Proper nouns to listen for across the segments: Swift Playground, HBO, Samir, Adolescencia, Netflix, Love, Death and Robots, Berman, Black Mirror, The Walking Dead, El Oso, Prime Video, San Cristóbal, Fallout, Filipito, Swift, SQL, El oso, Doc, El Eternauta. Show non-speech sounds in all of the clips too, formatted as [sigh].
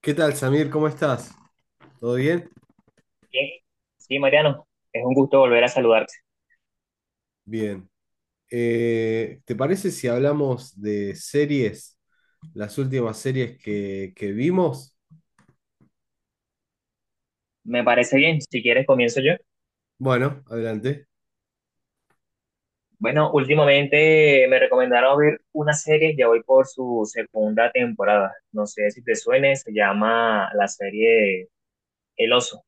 ¿Qué tal, Samir? ¿Cómo estás? ¿Todo bien? Bien. Sí, Mariano, es un gusto volver a saludarte. Bien. ¿Te parece si hablamos de series, las últimas series que vimos? Me parece bien, si quieres comienzo yo. Bueno, adelante. Bueno, últimamente me recomendaron ver una serie, ya voy por su segunda temporada. No sé si te suene, se llama la serie El Oso.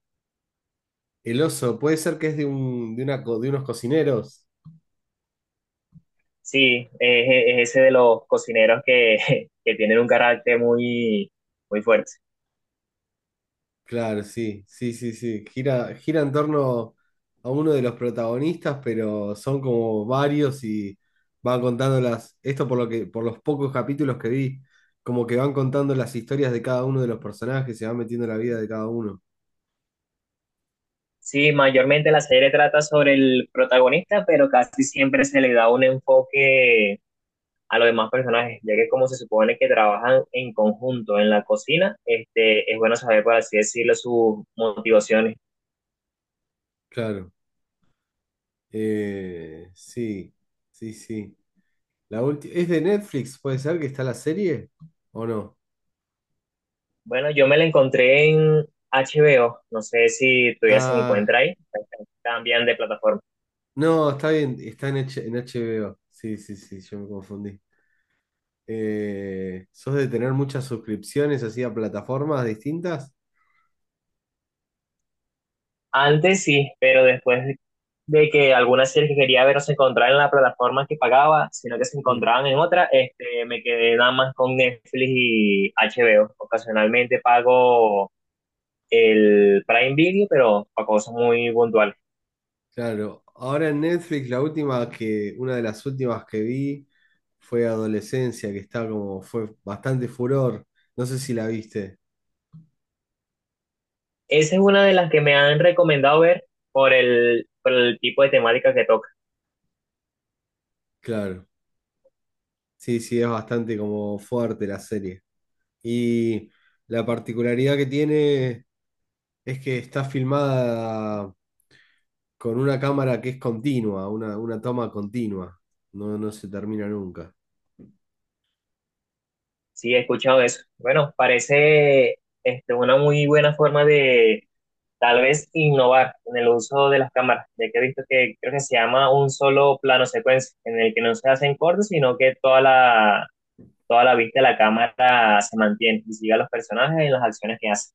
El oso, puede ser que es de, un, de, una, co- de unos cocineros. Sí, es ese de los cocineros que, [laughs] que tienen un carácter muy, muy fuerte. Claro, sí, sí, sí, sí. Gira en torno a uno de los protagonistas, pero son como varios y van contando las, esto por lo que, por los pocos capítulos que vi, como que van contando las historias de cada uno de los personajes, se van metiendo en la vida de cada uno. Sí, mayormente la serie trata sobre el protagonista, pero casi siempre se le da un enfoque a los demás personajes, ya que como se supone que trabajan en conjunto en la cocina, este, es bueno saber, por así decirlo, sus motivaciones. Claro, sí, sí, sí. ¿Es de Netflix? ¿Puede ser que está la serie? ¿O no? Bueno, yo me la encontré en HBO, no sé si todavía se Ah, encuentra ahí, cambian de plataforma. no, está bien, en HBO. Sí, sí, sí, yo me confundí. ¿Sos de tener muchas suscripciones así a plataformas distintas? Antes sí, pero después de que algunas series que quería ver no se encontraban en la plataforma que pagaba, sino que se Mm, encontraban en otra, este, me quedé nada más con Netflix y HBO. Ocasionalmente pago el Prime Video, pero para cosas muy puntuales. claro, ahora en Netflix una de las últimas que vi fue Adolescencia, que está como, fue bastante furor. No sé si la viste. Esa es una de las que me han recomendado ver por el tipo de temática que toca. Claro. Sí, sí, es bastante como fuerte la serie. Y la particularidad que tiene es que está filmada con una cámara que es continua, una toma continua. No, no se termina nunca. Sí, he escuchado eso. Bueno, parece este, una muy buena forma de tal vez innovar en el uso de las cámaras, ya que he visto que creo que se llama un solo plano secuencia, en el que no se hacen cortes, sino que toda la vista de la cámara se mantiene y sigue a los personajes en las acciones que hacen.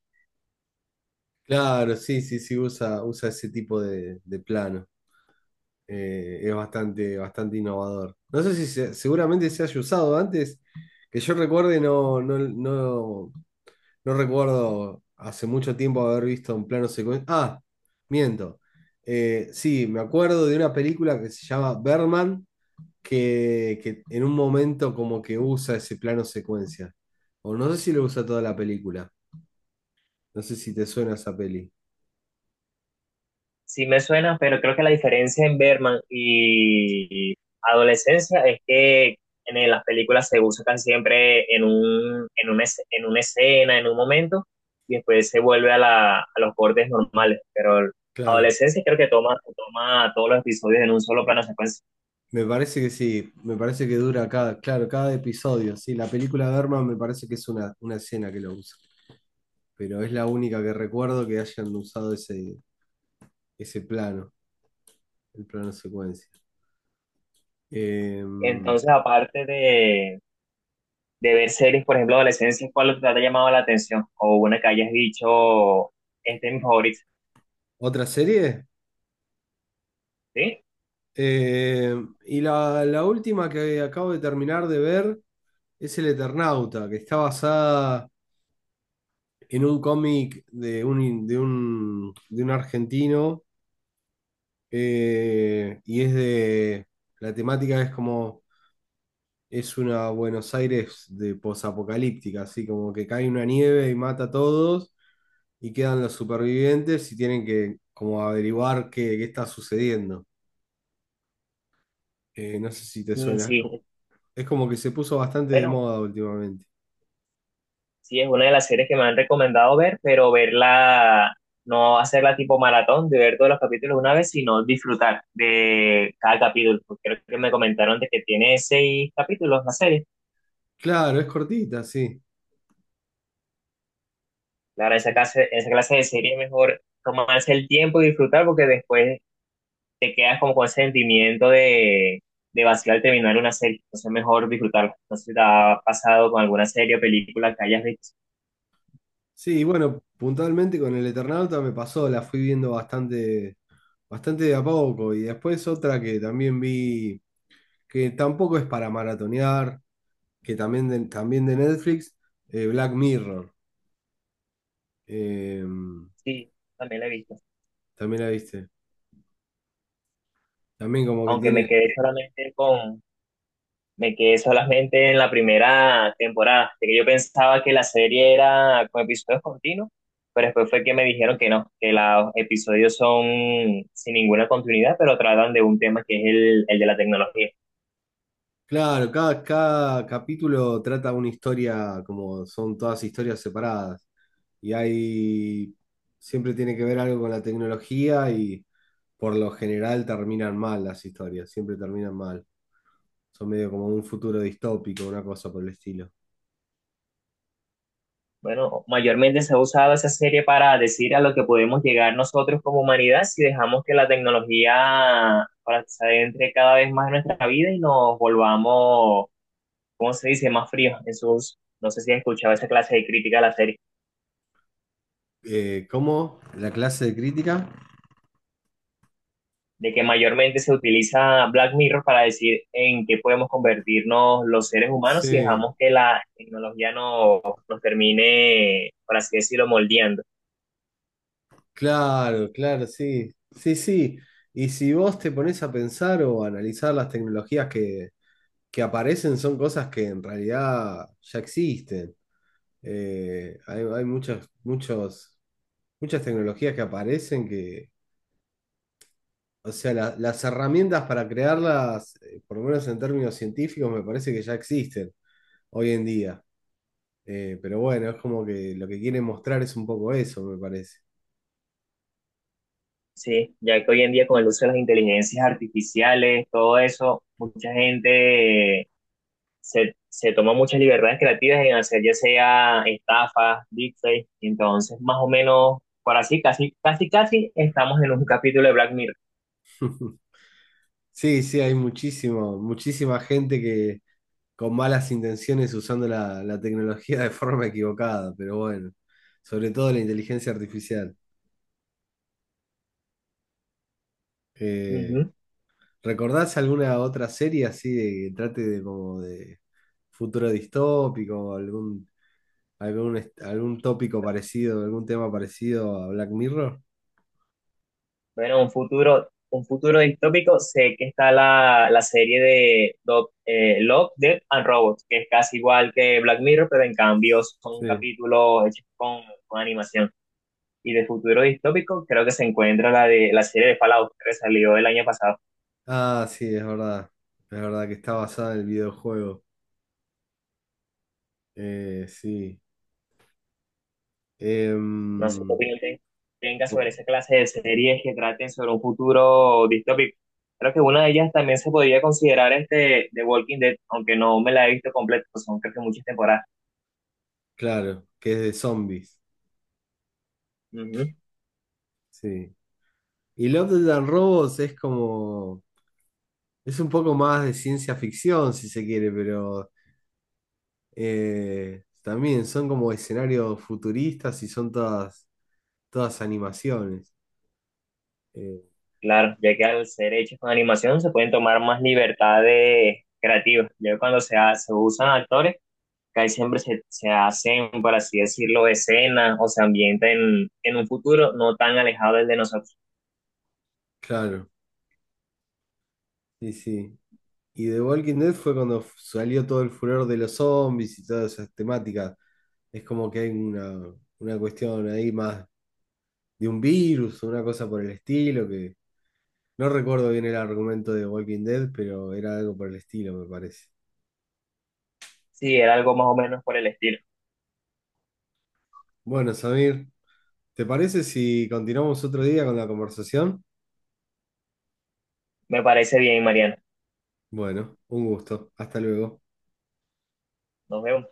Claro, sí, sí, sí, usa ese tipo de plano. Es bastante innovador. No sé si se- Seguramente se haya usado antes, que yo recuerde, no, no, no. No recuerdo hace mucho tiempo haber visto un plano secuencia. Ah, miento. Sí, me acuerdo de una película que se llama Berman, que en un momento como que usa ese plano secuencia. O no sé si lo usa toda la película. No sé si te suena esa peli. Sí me suena, pero creo que la diferencia en Berman y Adolescencia es que en las películas se buscan siempre en un, en una escena, en un momento, y después se vuelve a, la, a los bordes normales. Pero Claro. Adolescencia creo que toma todos los episodios en un solo plano secuencia. Me parece que sí, me parece que dura cada, claro, cada episodio. Sí, la película de Berman me parece que es una escena que lo usa. Pero es la única que recuerdo que hayan usado ese plano, el plano secuencia. Eh, Entonces, de ver series, por ejemplo, Adolescencia, ¿cuál te ha llamado la atención? O una que hayas dicho, este es mi favorito, ¿Otra serie? ¿sí? Eh, y la última que acabo de terminar de ver es El Eternauta, que está basada en un cómic de un argentino, y es de... La temática es como... Es una Buenos Aires de posapocalíptica, así como que cae una nieve y mata a todos y quedan los supervivientes y tienen que como averiguar qué está sucediendo. No sé si te Mm, suena. sí, Es como que se puso bastante de bueno. moda últimamente. Sí, es una de las series que me han recomendado ver, pero no hacerla tipo maratón, de ver todos los capítulos una vez, sino disfrutar de cada capítulo. Porque creo que me comentaron de que tiene 6 capítulos la serie. Claro, es cortita, sí. Claro, Sí, esa clase de serie es mejor tomarse el tiempo y disfrutar porque después te quedas como con ese de vacío al terminar una serie. Entonces es mejor disfrutarla. No sé si te ha pasado con alguna serie o película que hayas visto. sí, y bueno, puntualmente con el Eternauta me pasó, la fui viendo bastante de a poco. Y después otra que también vi, que tampoco es para maratonear, que también también de Netflix, Black Mirror. Eh, Sí, también la he visto. También la viste. También como que Aunque tiene... me quedé solamente con Me quedé solamente en la primera temporada, de que yo pensaba que la serie era con episodios continuos, pero después fue que me dijeron que no, que los episodios son sin ninguna continuidad, pero tratan de un tema que es el de la tecnología. Claro, cada capítulo trata una historia, como son todas historias separadas. Y hay, siempre tiene que ver algo con la tecnología y por lo general terminan mal las historias, siempre terminan mal. Son medio como un futuro distópico, una cosa por el estilo. Bueno, mayormente se ha usado esa serie para decir a lo que podemos llegar nosotros como humanidad si dejamos que la tecnología para se adentre cada vez más en nuestra vida y nos volvamos, ¿cómo se dice?, más fríos en sus... No sé si has escuchado esa clase de crítica a la serie. ¿Cómo? ¿La clase de crítica? De que mayormente se utiliza Black Mirror para decir en qué podemos convertirnos los seres humanos si Sí, dejamos que la tecnología no, nos termine, por así decirlo, moldeando. claro, claro, sí. Sí, sí. Y si vos te pones a pensar o a analizar las tecnologías que aparecen son cosas que en realidad ya existen. Hay muchas, muchos, muchas tecnologías que aparecen que, o sea, las herramientas para crearlas, por lo menos en términos científicos, me parece que ya existen hoy en día. Pero bueno, es como que lo que quieren mostrar es un poco eso, me parece. Sí, ya que hoy en día con el uso de las inteligencias artificiales, todo eso, mucha gente se toma muchas libertades creativas en hacer ya sea estafas, deepfakes, entonces más o menos, por así, casi estamos en un capítulo de Black Mirror. Sí, sí, hay muchísimo, muchísima gente que con malas intenciones usando la tecnología de forma equivocada, pero bueno, sobre todo la inteligencia artificial. Uh Eh, -huh. ¿Recordás alguna otra serie así de que trate de como de futuro distópico, o algún tópico parecido, algún tema parecido a Black Mirror? Bueno, un futuro distópico. Sé que está la serie de Doc, Love, Death and Robots, que es casi igual que Black Mirror, pero en cambio son Sí. capítulos hechos con animación. Y de futuro distópico, creo que se encuentra la de la serie de Fallout, que salió el año pasado. Ah, sí, es verdad. Es verdad que está basada en el videojuego. Sí. No sé qué Em, opinión tenga sobre oh, esa clase de series que traten sobre un futuro distópico. Creo que una de ellas también se podría considerar este The Walking Dead, aunque no me la he visto completa, pues son creo que muchas temporadas. claro, que es de zombies, sí. Y Love, Death and Robots es como, es un poco más de ciencia ficción, si se quiere, pero también son como escenarios futuristas y son todas, todas animaciones. Eh, Claro, ya que al ser hechos con animación se pueden tomar más libertades creativas. Ya cuando se usan actores, casi siempre se hacen, por así decirlo, escenas o se ambientan en un futuro no tan alejado del de nosotros. claro, sí, sí. Y The Walking Dead fue cuando salió todo el furor de los zombies y todas esas temáticas. Es como que hay una cuestión ahí más de un virus, una cosa por el estilo. No recuerdo bien el argumento de Walking Dead, pero era algo por el estilo, me parece. Sí, era algo más o menos por el estilo. Bueno, Samir, ¿te parece si continuamos otro día con la conversación? Me parece bien, Mariana. Bueno, un gusto. Hasta luego. Nos vemos.